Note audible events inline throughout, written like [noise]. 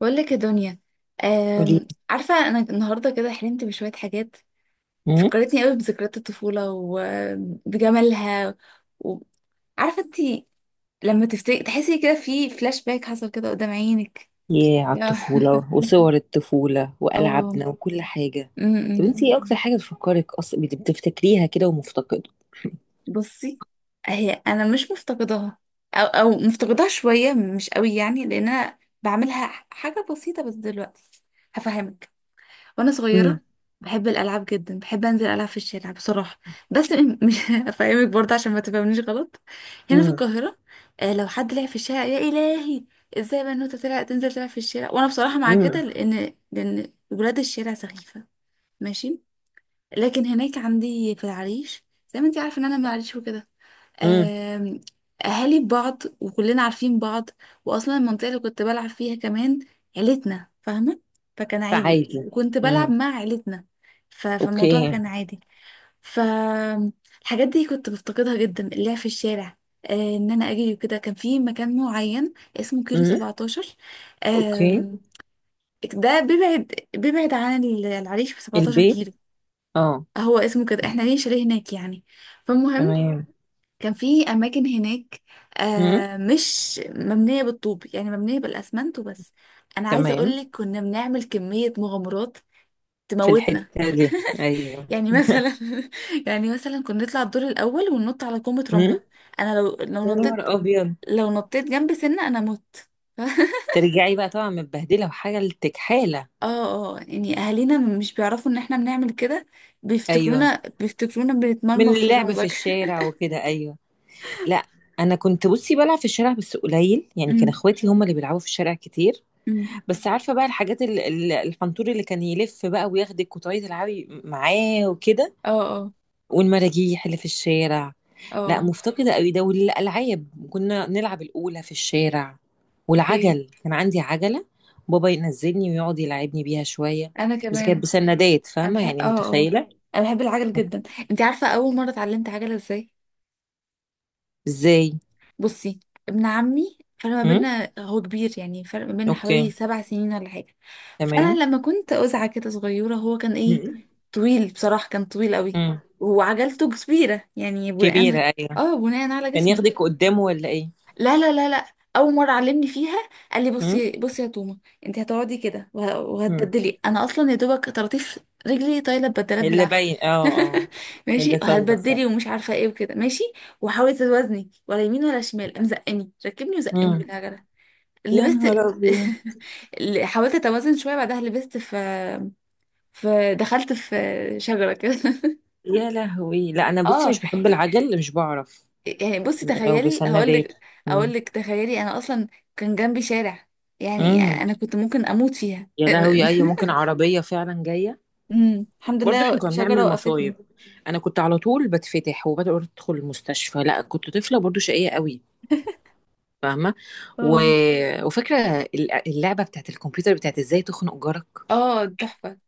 بقول لك يا دنيا. قولي. عارفة أنا النهاردة كده حلمت بشوية حاجات. امم. فكرتني قوي بذكريات الطفولة وبجمالها. وعارفة انتي لما تفتكري تحسي كده في فلاش باك حصل كده قدام عينك؟ ياه على يا- الطفولة وصور الطفولة [laughs] اه. وألعابنا وكل حاجة. طب أمم. انتي ايه أكتر حاجة بتفكرك أصلا بتفتكريها كده ومفتقدة؟ بصي، هي أنا مش مفتقداها، أو مفتقداها شوية مش قوي، يعني لأن أنا بعملها حاجة بسيطة بس دلوقتي. هفهمك. وانا صغيره امم. بحب الالعاب جدا، بحب انزل العب في الشارع بصراحه. بس مش [laughs] افهمك برضه عشان ما تفهمنيش غلط. هنا في امم. القاهره. لو حد لعب في الشارع يا الهي، ازاي بنوته تنزل تلعب في الشارع، وانا بصراحه مع كده، امم. لان ولاد الشارع سخيفه. ماشي، لكن هناك عندي في العريش، زي ما انت عارفه ان انا من العريش وكده. امم. آم، اهالي بعض وكلنا عارفين بعض. واصلا المنطقه اللي كنت بلعب فيها كمان عيلتنا فاهمه، فكان عادي. فعادي. وكنت بلعب امم. مع عيلتنا. فالموضوع اوكي. كان عادي. فالحاجات دي كنت بفتقدها جدا، اللعب في الشارع. ان انا اجري وكده كان في مكان معين اسمه كيلو امم. 17. اوكي. آم، ده بيبعد عن العريش ب 17 البيت. كيلو، اه. هو اسمه كده، احنا ليه شاليه هناك يعني. فالمهم، تمام. كان في اماكن هناك، امم. مش مبنيه بالطوب يعني مبنيه بالاسمنت وبس. انا عايزه تمام. اقول لك، كنا بنعمل كميه مغامرات في تموتنا. الحتة دي. ايوه. يعني [laughs] مثلا [laughs] يعني مثلا كنا نطلع الدور الاول وننط على كومه امم. رمله. انا يا نهار أبيض. لو نطيت جنب سنه انا مت. [laughs] ترجعي بقى طبعا متبهدلة وحاجة لتكحالة. اه، اه يعني اهالينا مش بيعرفوا ان احنا بنعمل كده، ايوه، بيفتكرونا من بنتمرمغ في اللعب في الرمله [laughs] الشارع وكده. ايوه. لا، انا كنت بصي بلعب في الشارع بس قليل، يعني كان أمم، اخواتي هم اللي بيلعبوا في الشارع كتير. أمم. بس عارفه بقى الحاجات، الحنطور اللي كان يلف بقى وياخدك وتقعدي تلعبي معاه وكده. اه، اه، والمراجيح اللي في الشارع. لا اه. مفتقده قوي ده، والالعاب كنا نلعب الاولى في الشارع. اوكي. والعجل، كان عندي عجله. بابا ينزلني ويقعد يلعبني بيها شويه، انا بس كانت كمان. بسندات، انا فاهمه بحب يعني، اه اه متخيله انا بحب العجل جدا. انت عارفه اول مره اتعلمت عجله ازاي؟ ازاي. بصي، ابن عمي فرق ما امم. بيننا، هو كبير يعني، فرق ما بيننا اوكي. حوالي 7 سنين ولا حاجه. تمام. فانا لما كنت أزعة كده صغيره، هو كان ايه، امم. طويل بصراحه، كان طويل قوي. أمم. وعجلته كبيره، يعني كبيره بناء أيوة. اه بناء على كان جسمه. ياخدك قدامه ولا ايه؟ لا، لا، لا، لا. اول مره علمني فيها قال لي: هم؟ بصي بصي يا تومه، انت هتقعدي كده هم. وهتبدلي. انا اصلا يا دوبك طراطيف رجلي طايله، ببدلات اللي بالعافيه. باين اه. اه. [laughs] ماشي، اللي صاير فعلا. وهتبدلي ومش عارفه ايه وكده، ماشي. وحاولي توازني ولا يمين ولا شمال. قام زقني ركبني وزقني هم. بالعجله، يا لبست. نهار [laughs] ابيض. اللي حاولت اتوازن شويه بعدها لبست في دخلت في شجره كده [laughs] يا لهوي، لا انا بصي اه. مش بحب العجل، مش بعرف. يعني بصي لو تخيلي هقول بسندات. لك، اقول هم. لك تخيلي، انا اصلا كان جنبي شارع، يعني هم. انا كنت ممكن اموت فيها يا لهوي، اي [laughs] ممكن عربيه فعلا جايه. الحمد برضه احنا لله كنا شجرة بنعمل وقفتني. مصايب. انا كنت على طول بتفتح وبدخل المستشفى، لا كنت طفله برضه شقيه قوي، فاهمه. و... اه، وفاكره اللعبه بتاعت الكمبيوتر، بتاعت ازاي تخنق جارك. اه تحفة.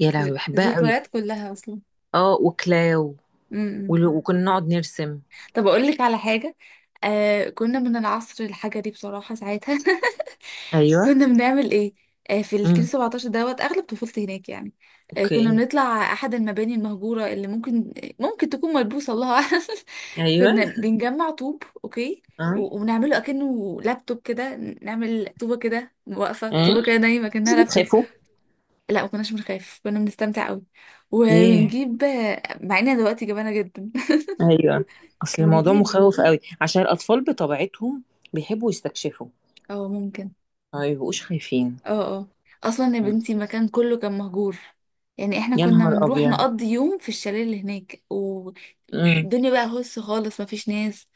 يا لهوي بحبها قوي. ذكريات كلها اصلا. اه، وكلاو. امم. وكنا نقعد نرسم. طب اقول لك على حاجة، كنا من العصر الحجري بصراحة ساعتها [laughs] ايوه. كنا بنعمل ايه؟ في الكيلو امم. 17 دوت اغلب طفولتي هناك يعني. كنا اوكي. بنطلع احد المباني المهجوره، اللي ممكن تكون ملبوسه، الله اعلم. [laughs] ايوه. كنا بنجمع طوب، اوكي، اه. وبنعمله اكنه لابتوب كده، نعمل طوبه كده واقفه، اه. طوبه كده نايمه بس كانها لابتوب. بتخافوا. لا ما كناش بنخاف، كنا بنستمتع قوي. ياه. وبنجيب، مع ان دلوقتي جبانه جدا ايوه. [laughs] اصل الموضوع بنجيب. مخوف قوي، عشان الاطفال بطبيعتهم بيحبوا يستكشفوا، اه، ممكن. ما بيبقوش خايفين. اه، اه. اصلا يا مم. بنتي المكان كله كان مهجور، يعني احنا يا كنا نهار بنروح ابيض. نقضي يوم في الشاليه اللي هناك، امم. والدنيا بقى هس خالص، مفيش ناس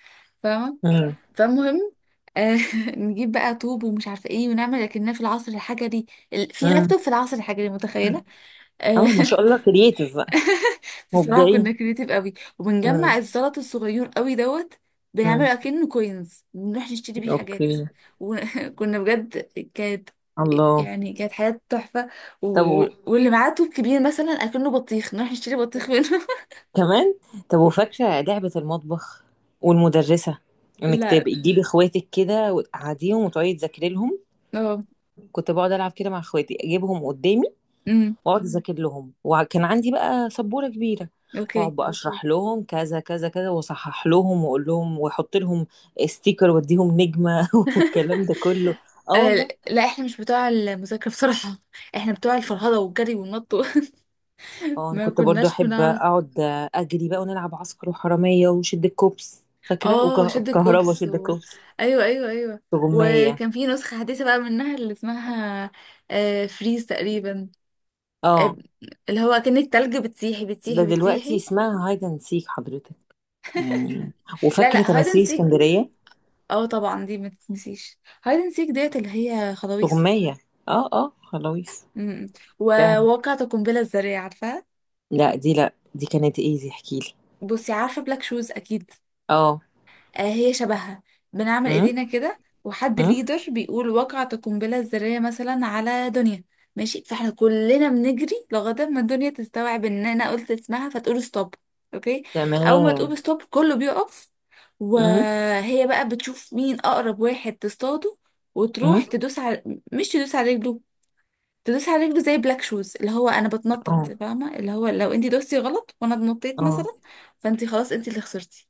فاهمه. امم. فالمهم، آه [laughs] نجيب بقى طوب ومش عارفه ايه ونعمل لكننا في العصر الحجري. في امم. لابتوب في العصر الحجري، متخيله؟ آه اه، ما [laughs] شاء الله، كرييتيف بقى. بصراحة مبدعين. كنا كريتيف قوي، وبنجمع امم. الزلط الصغير قوي دوت، امم. بنعمله اكنه كوينز، بنروح نشتري بيه حاجات. اوكي. وكنا [laughs] بجد، كانت الله. كانت حياة تحفة. طب و... واللي معاه توب كبير مثلا اكنه بطيخ، نروح نشتري بطيخ منه [laughs] كمان. طب وفاكره لعبه المطبخ والمدرسه؟ انك لا. تبقي تجيبي اخواتك كده وتقعديهم وتقعدي تذاكري لهم. اه. كنت بقعد العب كده مع اخواتي، اجيبهم قدامي امم. واقعد اذاكر لهم، وكان عندي بقى سبوره كبيره، اوكي. واقعد بقى اشرح لهم كذا كذا كذا، واصحح لهم واقول لهم واحط لهم ستيكر، واديهم نجمه [laughs] والكلام ده كله. اه والله. لا، احنا مش بتوع المذاكرة بصراحة، احنا بتوع الفرهدة والجري والنط [laughs] اه، انا ما كنت برضو كناش احب بنعرف. اقعد اجري بقى، ونلعب عسكر وحراميه وشد الكوبس، فاكره، اه شد وكهربا، الكوبس شد و... الكوبس. ايوه، ايوه، ايوه. وغمية. وكان في نسخة حديثة بقى منها اللي اسمها فريز تقريبا. آه، اه. اللي هو كأن التلج بتسيحي ده بتسيحي دلوقتي بتسيحي. اسمها هايد اند سيك حضرتك، يعني. لا، وفاكره لا، هايد اند تماثيل سيك. اسكندريه. اه طبعا دي ما تتنسيش، هايد اند سيك ديت اللي هي خضاويص. غمية. اه اه، خلاويص. م- م. فاهمة. وواقعة القنبلة الذرية عارفاها؟ لا، دي، لا، دي كانت ايه، دي احكيلي. بصي، عارفة بلاك شوز اكيد؟ اه. آه هي شبهها. بنعمل امم. ايدينا كده وحد امم. ليدر بيقول وقعت القنبلة الذرية مثلا على دنيا، ماشي. فاحنا كلنا بنجري لغاية ما الدنيا تستوعب ان انا قلت اسمها فتقول ستوب، اوكي. اول ما تقول تمام. ستوب كله بيقف، امم. وهي بقى بتشوف مين اقرب واحد تصطاده، وتروح امم. تدوس على، مش تدوس على رجله، تدوس على رجله زي بلاك شوز اللي هو انا بتنطط اه. فاهمه، اللي هو لو انت دوستي غلط وانا اتنطيت اه. مثلا، فانت خلاص انت اللي خسرتي.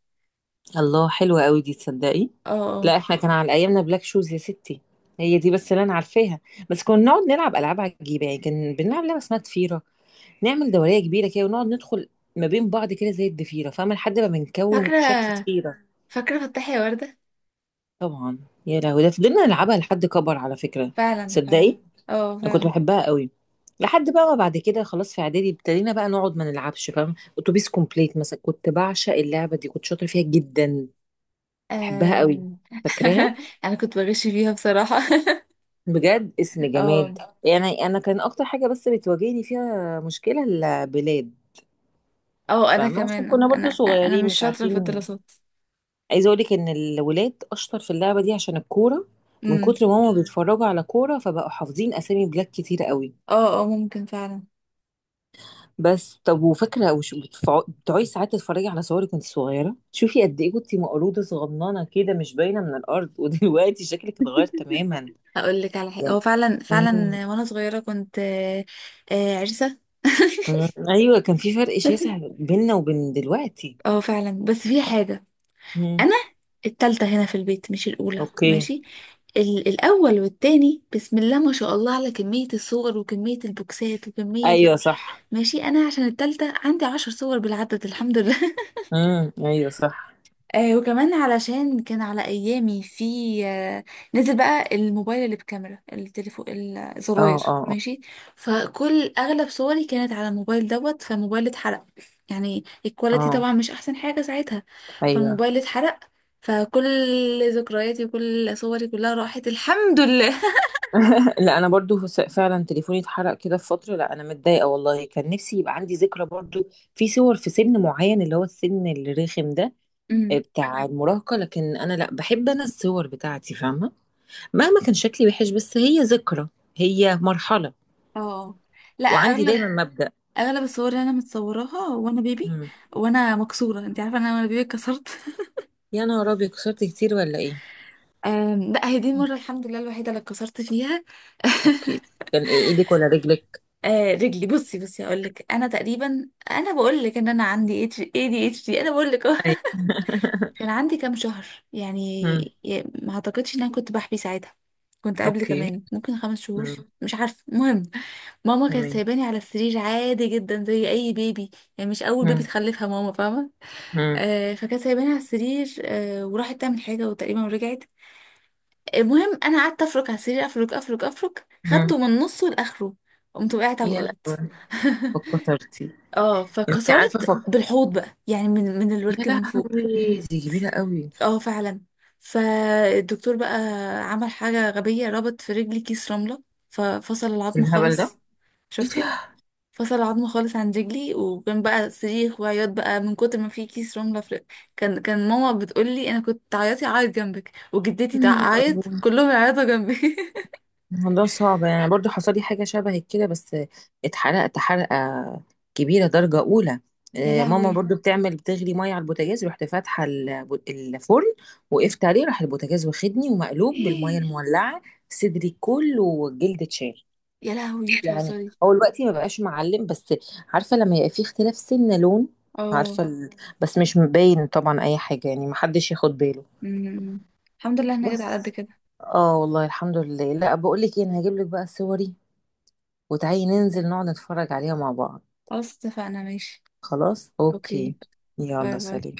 الله، حلوة قوي دي، تصدقي. اه، لا، احنا كان على ايامنا بلاك شوز يا ستي. هي دي بس اللي انا عارفاها. بس كنا نقعد نلعب العاب عجيبه، يعني كان بنلعب لعبه اسمها ضفيره، نعمل دوريه كبيره كده ونقعد ندخل ما بين بعض كده زي الضفيره، فاهمه، لحد ما بنكون فاكره شكل ضفيره. فاكرة فتحي يا وردة؟ طبعا. يا لهوي، ده فضلنا نلعبها لحد كبر، على فكره. فعلا، فعلا. تصدقي، اه انا كنت فعلا. بحبها قوي، لحد بقى ما بعد كده خلاص، في اعدادي ابتدينا بقى نقعد ما نلعبش، فاهم؟ اتوبيس كومبليت مثلا، كنت بعشق اللعبه دي، كنت شاطره فيها جدا، بحبها قوي. أم... فاكراها؟ [laughs] انا كنت بغش فيها بصراحة بجد، اسم [laughs] اه، جماد. يعني انا كان اكتر حاجه بس بتواجهني فيها مشكله البلاد. اه انا فاهمة، عشان كمان. اه، كنا انا برضو انا صغيرين مش مش شاطرة في عارفين. الدراسات. عايزة اقولك ان الولاد اشطر في اللعبة دي عشان الكورة، من امم. كتر ما هما بيتفرجوا على كورة فبقوا حافظين اسامي بلاد كتير قوي. اه، اه ممكن فعلا. بس طب وفاكره، بتقعدي ساعات تتفرجي على صورك وانت صغيره، تشوفي قد ايه كنتي مقروضه صغننه كده، مش باينه من الارض، [laughs] ودلوقتي شكلك اتغير تماما، اقول لك على حاجة، اه يعني. فعلا، فعلا. مم. وانا صغيرة كنت، عرسة مم. ايوه، كان في فرق شاسع [laughs] بيننا وبين دلوقتي. اه فعلا. بس في حاجة، مم. انا التالتة هنا في البيت، مش الأولى، اوكي. ماشي. الأول والتاني بسم الله ما شاء الله، على كمية الصور وكمية البوكسات وكمية. ايوه صح. ماشي، انا عشان التالتة عندي 10 صور بالعدد الحمد لله [laughs] مم. ايوه صح. وكمان علشان كان على ايامي في، آه نزل بقى الموبايل اللي بكاميرا التليفون اه الزراير، اه اه. ماشي. فكل، اغلب صوري كانت على الموبايل دوت، فالموبايل اتحرق، يعني الكواليتي آه. طبعا مش احسن حاجة ساعتها. ايوه. فالموبايل اتحرق، فكل ذكرياتي وكل صوري كلها راحت الحمد لله [laughs] [laughs] لا، انا برضو فعلا تليفوني اتحرق كده في فتره. لا انا متضايقه والله، كان نفسي يبقى عندي ذكرى برضو، في صور في سن معين، اللي هو السن الرخم ده أمم. بتاع المراهقة. لكن أنا لأ، بحب أنا الصور بتاعتي، فاهمة، مهما كان شكلي وحش، بس هي ذكرى، هي مرحلة. اه، لا، وعندي اغلب دايما مبدأ. اغلب الصور اللي انا متصوراها وانا بيبي مم. وانا مكسوره. انت عارفه ان انا وانا بيبي اتكسرت [laughs] يا نهار أبيض، كسرت كتير ولا إيه؟ لا، هي دي المره الحمد لله الوحيده اللي اتكسرت فيها أوكي. كان إيه، إيدك ولا رجلك؟ [laughs] رجلي، بصي بصي هقول لك، انا تقريبا، انا بقول لك ان انا عندي اتش اي دي اتش دي، انا بقول لك [laughs] أهو. أيوة. [laughs] كان عندي كام شهر يعني، مم. ما اعتقدش ان انا كنت بحبي ساعتها، كنت قبل أوكي. كمان ممكن 5 شهور، مم. مش عارفه. المهم، ماما كانت تمام. سايباني على السرير عادي جدا زي اي بيبي، يعني مش اول بيبي مم. تخلفها ماما فاهمه. مم. فكانت سايباني على السرير، وراحت تعمل حاجة وتقريبا ورجعت. المهم، أنا قعدت أفرك على السرير، أفرك أفرك أفرك، مم. خدته من نصه لآخره. قمت وقعت على يا الأرض لهوي. [laughs] فكسرتي. اه أنت عارفة فكسرت فك. بالحوض بقى، يعني من يا الورك، من فوق. لهوي، دي كبيرة قوي. اه فعلا. فالدكتور بقى، عمل حاجة غبية، ربط في رجلي كيس رملة، ففصل العظم الهبل ده. خالص. إيه شفتي؟ ده؟ فصل عظمه خالص عن رجلي، وكان بقى صريخ وعياط بقى من كتر ما في كيس رمله في. كان ماما بتقول لي، انا كنت تعيطي اعيط جنبك وجدتي يا تعيط، أبوي. كلهم يعيطوا جنبي [laughs] الموضوع صعب، يعني برضو حصل لي حاجة شبه كده، بس اتحرقت حرقة كبيرة درجة أولى. يا آه، ماما لهوي. برضو بتعمل بتغلي مية على البوتاجاز، رحت فاتحة الفرن، وقفت عليه، راح البوتاجاز واخدني ومقلوب بالمية [gasps] المولعة، صدري كله والجلد اتشال. يا لهوي، يعني بتهزري. هو دلوقتي ما بقاش معلم، بس عارفة لما يبقى في اختلاف سن لون، اه. عارفة بس مش مبين طبعا أي حاجة، يعني محدش ياخد باله، أمم. الحمد لله انا جيت على قد بس. كده. اه والله الحمد لله. لا، بقول لك ايه، انا هجيب لك بقى صوري وتعالي ننزل نقعد نتفرج عليها مع بعض. خلاص اتفقنا. ماشي. خلاص اوكي. اوكي. باي يلا، باي. سلام.